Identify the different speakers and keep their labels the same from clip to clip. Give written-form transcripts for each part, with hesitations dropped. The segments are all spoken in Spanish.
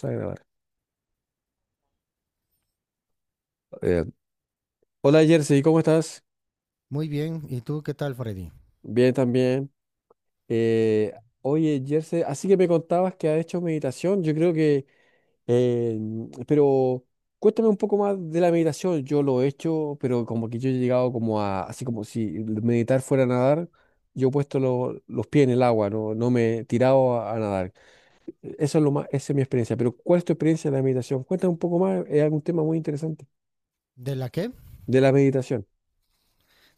Speaker 1: Vamos a grabar. Eh, Hola Jersey, ¿cómo estás?
Speaker 2: Muy bien, ¿y tú qué tal, Freddy?
Speaker 1: Bien también. Eh, Oye Jersey, así que me contabas que has hecho meditación, yo creo que, eh, pero cuéntame un poco más de la meditación, yo lo he hecho, pero como que yo he llegado como a, así como si meditar fuera a nadar, yo he puesto los pies en el agua, no me he tirado a nadar. Eso es lo más, esa es mi experiencia, pero ¿cuál es tu experiencia de la meditación? Cuéntame un poco más, es algún tema muy interesante
Speaker 2: ¿De la qué?
Speaker 1: de la meditación.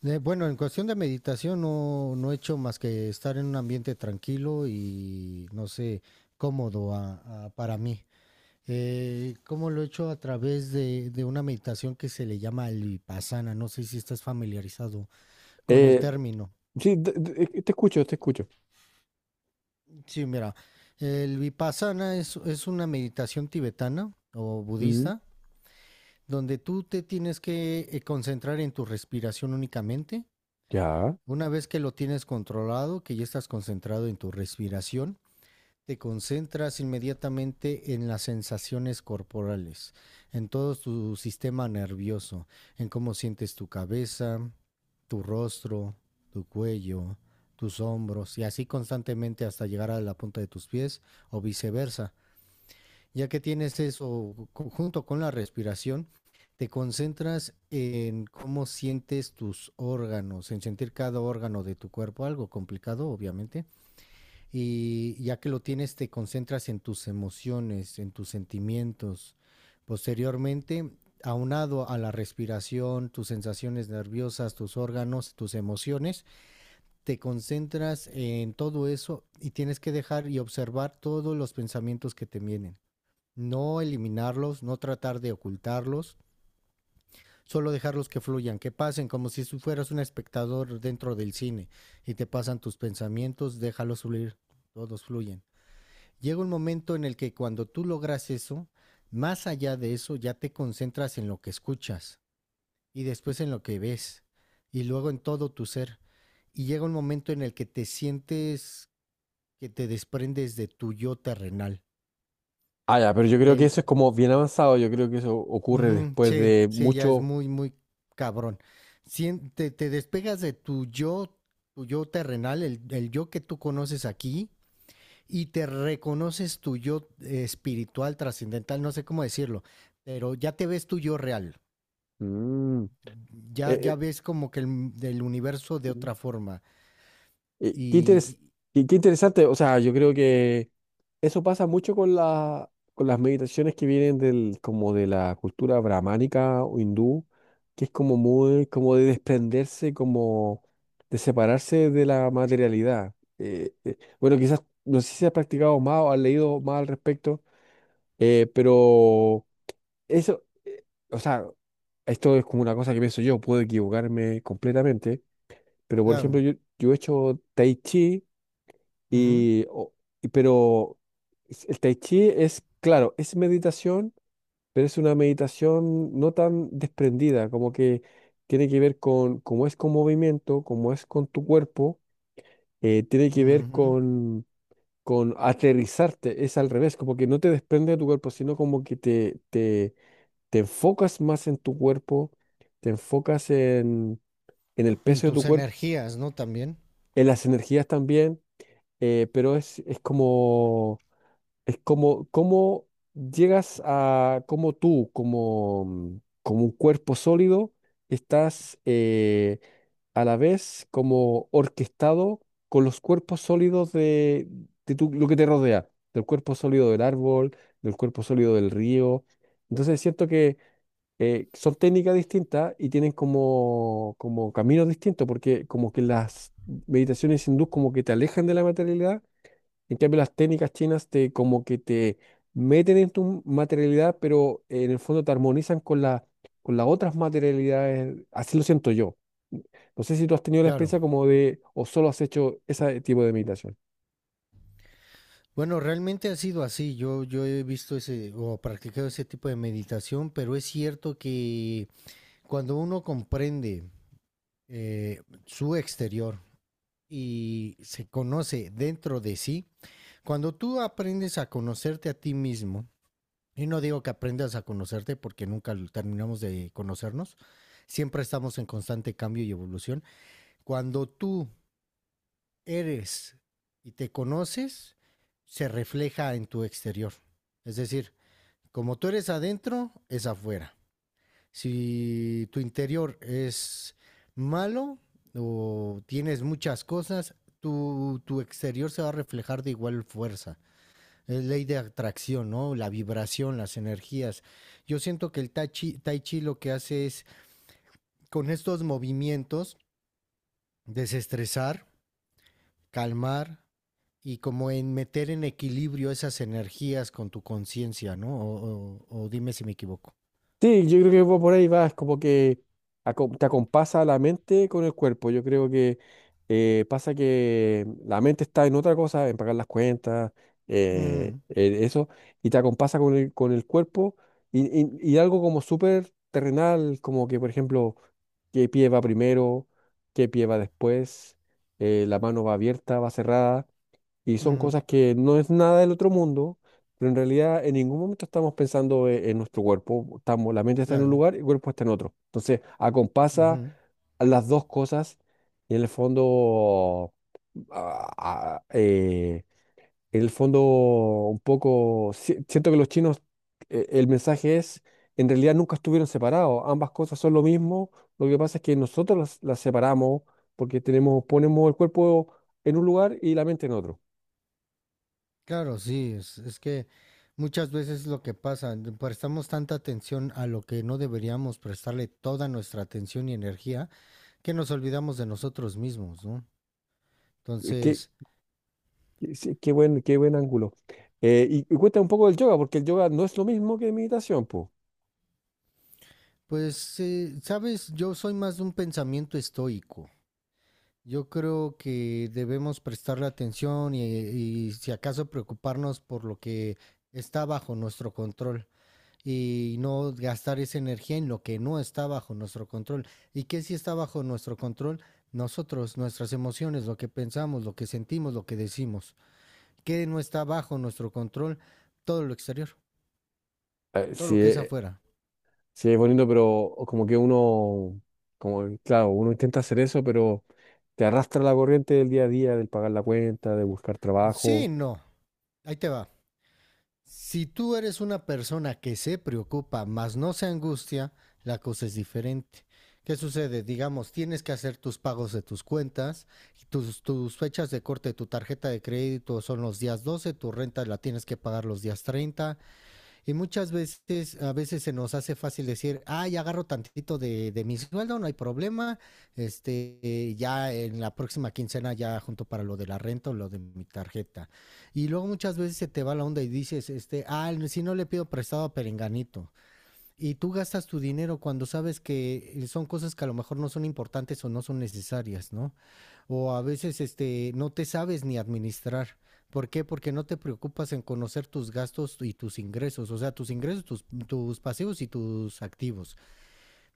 Speaker 2: Bueno, en cuestión de meditación no he hecho más que estar en un ambiente tranquilo y, no sé, cómodo para mí. ¿Cómo lo he hecho? A través de una meditación que se le llama el vipassana. No sé si estás familiarizado con el
Speaker 1: Eh,
Speaker 2: término.
Speaker 1: sí, te escucho, te escucho.
Speaker 2: Sí, mira, el vipassana es una meditación tibetana o
Speaker 1: Mm,
Speaker 2: budista donde tú te tienes que concentrar en tu respiración únicamente.
Speaker 1: ya.
Speaker 2: Una vez que lo tienes controlado, que ya estás concentrado en tu respiración, te concentras inmediatamente en las sensaciones corporales, en todo tu sistema nervioso, en cómo sientes tu cabeza, tu rostro, tu cuello, tus hombros y así constantemente hasta llegar a la punta de tus pies o viceversa. Ya que tienes eso junto con la respiración, te concentras en cómo sientes tus órganos, en sentir cada órgano de tu cuerpo, algo complicado, obviamente. Y ya que lo tienes, te concentras en tus emociones, en tus sentimientos. Posteriormente, aunado a la respiración, tus sensaciones nerviosas, tus órganos, tus emociones, te concentras en todo eso y tienes que dejar y observar todos los pensamientos que te vienen, no eliminarlos, no tratar de ocultarlos, solo dejarlos que fluyan, que pasen, como si fueras un espectador dentro del cine y te pasan tus pensamientos, déjalos fluir, todos fluyen. Llega un momento en el que cuando tú logras eso, más allá de eso ya te concentras en lo que escuchas y después en lo que ves y luego en todo tu ser. Y llega un momento en el que te sientes que te desprendes de tu yo terrenal,
Speaker 1: Ah, ya, pero yo creo que
Speaker 2: del...
Speaker 1: eso es como bien avanzado. Yo creo que eso ocurre
Speaker 2: Ujú,
Speaker 1: después
Speaker 2: sí,
Speaker 1: de
Speaker 2: sí, ya es
Speaker 1: mucho.
Speaker 2: muy, muy cabrón. Te, te despegas de tu yo terrenal, el yo que tú conoces aquí, y te reconoces tu yo espiritual, trascendental, no sé cómo decirlo, pero ya te ves tu yo real.
Speaker 1: Mm, eh,
Speaker 2: Ya, ya
Speaker 1: eh,
Speaker 2: ves como que el, del universo de
Speaker 1: Mm.
Speaker 2: otra forma.
Speaker 1: eh,
Speaker 2: Y,
Speaker 1: qué interes-
Speaker 2: y-
Speaker 1: Qué interesante. O sea, yo creo que eso pasa mucho con con las meditaciones que vienen del, como de la cultura brahmánica o hindú, que es como muy, como de desprenderse, como de separarse de la materialidad. Bueno, quizás no sé si has practicado más o has leído más al respecto, pero. Eso, eh, o sea, esto es como una cosa que pienso yo, puedo equivocarme completamente, pero por ejemplo,
Speaker 2: claro,
Speaker 1: yo he hecho tai chi
Speaker 2: ujú,
Speaker 1: y, o- pero el tai chi es, claro, es meditación, pero es una meditación no tan desprendida, como que tiene que ver con cómo es con movimiento, cómo es con tu cuerpo, tiene que ver
Speaker 2: ujú.
Speaker 1: con aterrizarte, es al revés, como que no te desprende de tu cuerpo, sino como que te te enfocas más en tu cuerpo, te enfocas en el
Speaker 2: ¿En
Speaker 1: peso de tu
Speaker 2: tus
Speaker 1: cuerpo,
Speaker 2: energías, no? También,
Speaker 1: en las energías también, pero es como, cómo llegas a, como tú, como, como un cuerpo sólido, estás a la vez como orquestado con los cuerpos sólidos de, lo que te rodea, del cuerpo sólido del árbol, del cuerpo sólido del río. Entonces siento que son técnicas distintas y tienen como, como caminos distintos, porque como que las meditaciones hindús como que te alejan de la materialidad, en cambio las técnicas chinas te como que te meten en tu materialidad, pero en el fondo te armonizan con la, con las otras materialidades, así lo siento yo. No sé si tú has tenido la
Speaker 2: claro.
Speaker 1: experiencia como de, o solo has hecho ese tipo de meditación.
Speaker 2: Bueno, realmente ha sido así. Yo he visto ese o practicado ese tipo de meditación, pero es cierto que cuando uno comprende su exterior y se conoce dentro de sí, cuando tú aprendes a conocerte a ti mismo, y no digo que aprendas a conocerte porque nunca lo- terminamos de conocernos, siempre estamos en constante cambio y evolución. Cuando tú eres y te conoces, se refleja en tu exterior. Es decir, como tú eres adentro, es afuera. Si tu interior es malo o tienes muchas cosas, tu exterior se va a reflejar de igual fuerza. Es ley de atracción, ¿no? La vibración, las energías. Yo siento que el tai chi lo que hace es, con estos movimientos, desestresar, calmar, y como en meter en equilibrio esas energías con tu conciencia, ¿no? Dime si me equivoco.
Speaker 1: Sí, yo creo que va por ahí va, es como que te acompasa la mente con el cuerpo. Yo creo que pasa que la mente está en otra cosa, en pagar las cuentas,
Speaker 2: Mm,
Speaker 1: en eso, y te acompasa con el cuerpo y, y algo como súper terrenal, como que, por ejemplo, qué pie va primero, qué pie va después, la mano va abierta, va cerrada. Y son
Speaker 2: mm.
Speaker 1: cosas que no es nada del otro mundo, pero en realidad en ningún momento estamos pensando en nuestro cuerpo. Estamos, la mente está en un
Speaker 2: Claro,
Speaker 1: lugar y el cuerpo está en otro. Entonces, acompasa
Speaker 2: ujú.
Speaker 1: a las dos cosas y en el fondo, ah, ah, eh, en el fondo un poco, siento que los chinos, el mensaje es, en realidad nunca estuvieron separados. Ambas cosas son lo mismo. Lo que pasa es que nosotros las separamos porque tenemos, ponemos el cuerpo en un lugar y la mente en otro.
Speaker 2: Claro, sí, es que muchas veces lo que pasa, le prestamos tanta atención a lo que no deberíamos prestarle toda nuestra atención y energía, que nos olvidamos de nosotros mismos, ¿no? Entonces,
Speaker 1: Qué, sí, qué buen ángulo. Y, y cuéntame un poco del yoga, porque el yoga no es lo mismo que meditación, pues.
Speaker 2: pues, sabes, yo soy más de un pensamiento estoico. Yo creo que debemos prestarle atención y si acaso preocuparnos por lo que está bajo nuestro control, y no gastar esa energía en lo que no está bajo nuestro control. ¿Y que sí está bajo nuestro control? Nosotros, nuestras emociones, lo que pensamos, lo que sentimos, lo que decimos. ¿Qué no está bajo nuestro control? Todo lo exterior, todo
Speaker 1: Sí,
Speaker 2: lo que es afuera.
Speaker 1: sí, es bonito, pero como que uno, como, claro, uno intenta hacer eso, pero te arrastra la corriente del día a día, del pagar la cuenta, de buscar
Speaker 2: Sí,
Speaker 1: trabajo.
Speaker 2: no. Ahí te va. Si tú eres una persona que se preocupa, mas no se angustia, la cosa es diferente. ¿Qué sucede? Digamos, tienes que hacer tus pagos de tus cuentas, tus fechas de corte de tu tarjeta de crédito son los días 12, tu renta la tienes que pagar los días 30, y muchas veces, a veces se nos hace fácil decir, ah, ya agarro tantito de mi sueldo, no hay problema. Ya en la próxima quincena ya junto para lo de la renta o lo de mi tarjeta. Y luego muchas veces se te va la onda y dices, este, ah, si no le pido prestado a Perenganito. Y tú gastas tu dinero cuando sabes que son cosas que a lo mejor no son importantes o no son necesarias, ¿no? O a veces este, no te sabes ni administrar. ¿Por qué? Porque no te preocupas en conocer tus gastos y tus ingresos, o sea, tus ingresos, tus pasivos y tus activos.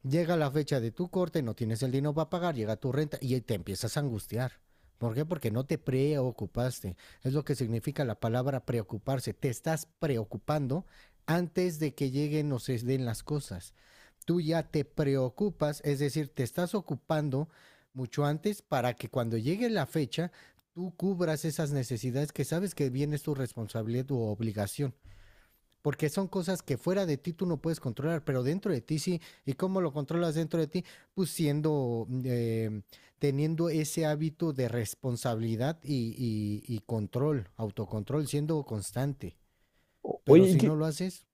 Speaker 2: Llega la fecha de tu corte, no tienes el dinero para pagar, llega tu renta y te empiezas a angustiar. ¿Por qué? Porque no te preocupaste. Es lo que significa la palabra preocuparse. Te estás preocupando antes de que lleguen o se den las cosas. Tú ya te preocupas, es decir, te estás ocupando mucho antes para que cuando llegue la fecha tú cubras esas necesidades que sabes que bien es tu responsabilidad, tu obligación. Porque son cosas que fuera de ti tú no puedes controlar, pero dentro de ti sí. ¿Y cómo lo controlas dentro de ti? Pues siendo, teniendo ese hábito de responsabilidad y control, autocontrol, siendo constante. Pero
Speaker 1: Oye, ¿y
Speaker 2: si no
Speaker 1: qué,
Speaker 2: lo haces,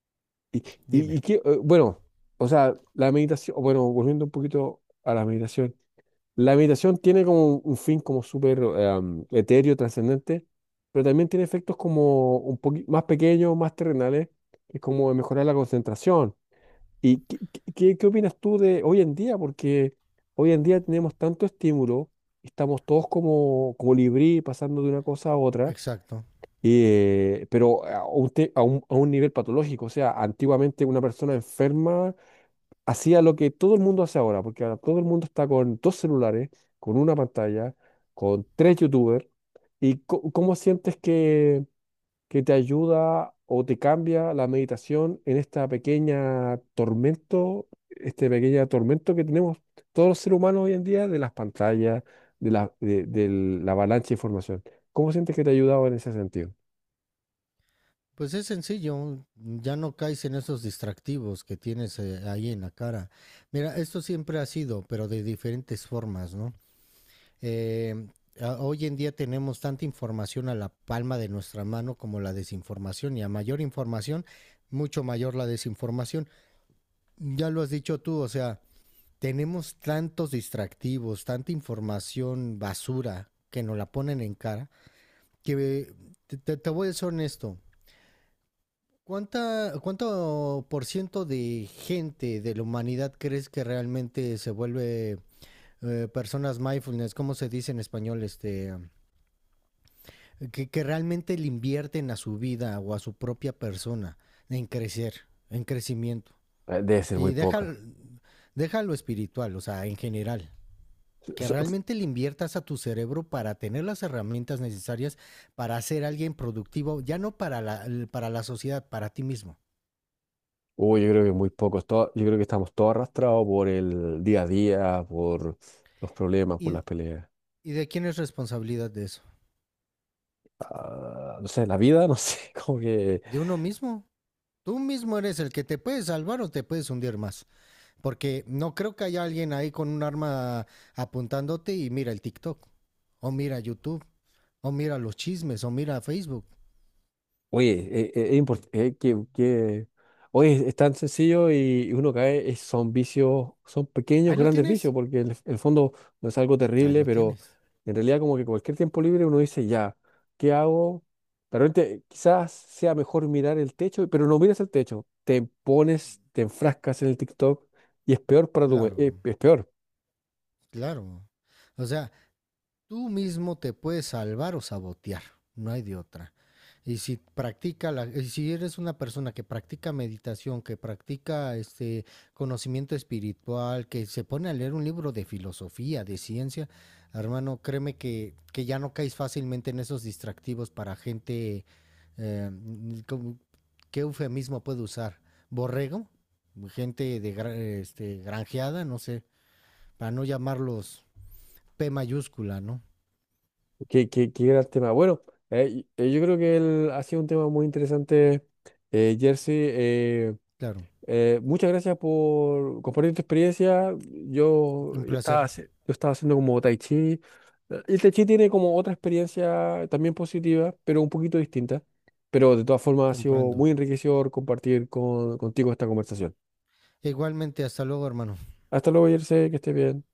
Speaker 1: y,
Speaker 2: dime.
Speaker 1: y qué, bueno, o sea, la meditación, bueno, volviendo un poquito a la meditación. La meditación tiene como un fin como súper etéreo, trascendente, pero también tiene efectos como un poquito más pequeños, más terrenales, que es como mejorar la concentración. ¿Y qué, qué, qué opinas tú de hoy en día? Porque hoy en día tenemos tanto estímulo, estamos todos como, colibrí, pasando de una cosa a otra,
Speaker 2: Exacto.
Speaker 1: pero a un, a un a un nivel patológico. O sea, antiguamente una persona enferma hacía lo que todo el mundo hace ahora, porque ahora todo el mundo está con dos celulares, con una pantalla, con tres YouTubers. ¿Y cómo sientes que te ayuda o te cambia la meditación en esta pequeña tormento, este pequeño tormento que tenemos todos los seres humanos hoy en día de las pantallas, de de la avalancha de información? ¿Cómo sientes que te ha ayudado en ese sentido?
Speaker 2: Pues es sencillo, ya no caes en esos distractivos que tienes ahí en la cara. Mira, esto siempre ha sido, pero de diferentes formas, ¿no? Eh, hoy en día tenemos tanta información a la palma de nuestra mano como la desinformación y a mayor información, mucho mayor la desinformación. Ya lo has dicho tú, o sea, tenemos tantos distractivos, tanta información basura que nos la ponen en cara, que te voy a ser honesto. ¿Cuánto por ciento de gente de la humanidad crees que realmente se vuelve personas mindfulness? ¿Cómo se dice en español? Que realmente le invierten a su vida o a su propia persona en crecer, en crecimiento.
Speaker 1: Debe ser muy
Speaker 2: Y deja,
Speaker 1: poca.
Speaker 2: deja lo espiritual, o sea, en general. Que realmente le inviertas a tu cerebro para tener las herramientas necesarias para ser alguien productivo, ya no para para la sociedad, para ti mismo.
Speaker 1: Uy, yo creo que muy pocos. Yo creo que estamos todos arrastrados por el día a día, por los problemas, por
Speaker 2: ¿Y,
Speaker 1: las peleas.
Speaker 2: ¿Y de quién es responsabilidad de eso?
Speaker 1: Ah, no sé, la vida, no sé, como que
Speaker 2: De uno mismo. Tú mismo eres el que te puede salvar o te puedes hundir más. Porque no creo que haya alguien ahí con un arma apuntándote y mira el TikTok, o mira YouTube, o mira los chismes, o mira Facebook.
Speaker 1: oye, es importante oye, es tan sencillo y uno cae, son vicios, son pequeños,
Speaker 2: Ahí lo
Speaker 1: grandes vicios,
Speaker 2: tienes,
Speaker 1: porque en el fondo no es algo
Speaker 2: ahí
Speaker 1: terrible,
Speaker 2: lo
Speaker 1: pero
Speaker 2: tienes.
Speaker 1: en realidad como que cualquier tiempo libre uno dice, ya, ¿qué hago? De repente quizás sea mejor mirar el techo, pero no miras el techo, te pones, te enfrascas en el TikTok y es peor para tu,
Speaker 2: Claro,
Speaker 1: es peor.
Speaker 2: claro. O sea, tú mismo te puedes salvar o sabotear, no hay de otra. Y si eres una persona que practica meditación, que practica este conocimiento espiritual, que se pone a leer un libro de filosofía, de ciencia, hermano, créeme que ya no caes fácilmente en esos distractivos para gente eh, ¿cómo... qué eufemismo puedo usar? ¿Borrego? Gente de granjeada, no sé, para no llamarlos P mayúscula, ¿no?
Speaker 1: Qué, qué, qué gran tema. Bueno, yo creo que ha sido un tema muy interesante, Jersey.
Speaker 2: Claro.
Speaker 1: Muchas gracias por compartir tu experiencia. Yo
Speaker 2: Un placer,
Speaker 1: estaba, yo estaba haciendo como tai chi. El tai chi tiene como otra experiencia también positiva, pero un poquito distinta. Pero de todas formas ha sido
Speaker 2: comprendo.
Speaker 1: muy enriquecedor compartir contigo esta conversación.
Speaker 2: Igualmente, hasta luego, hermano.
Speaker 1: Hasta luego, Jersey, que estés bien.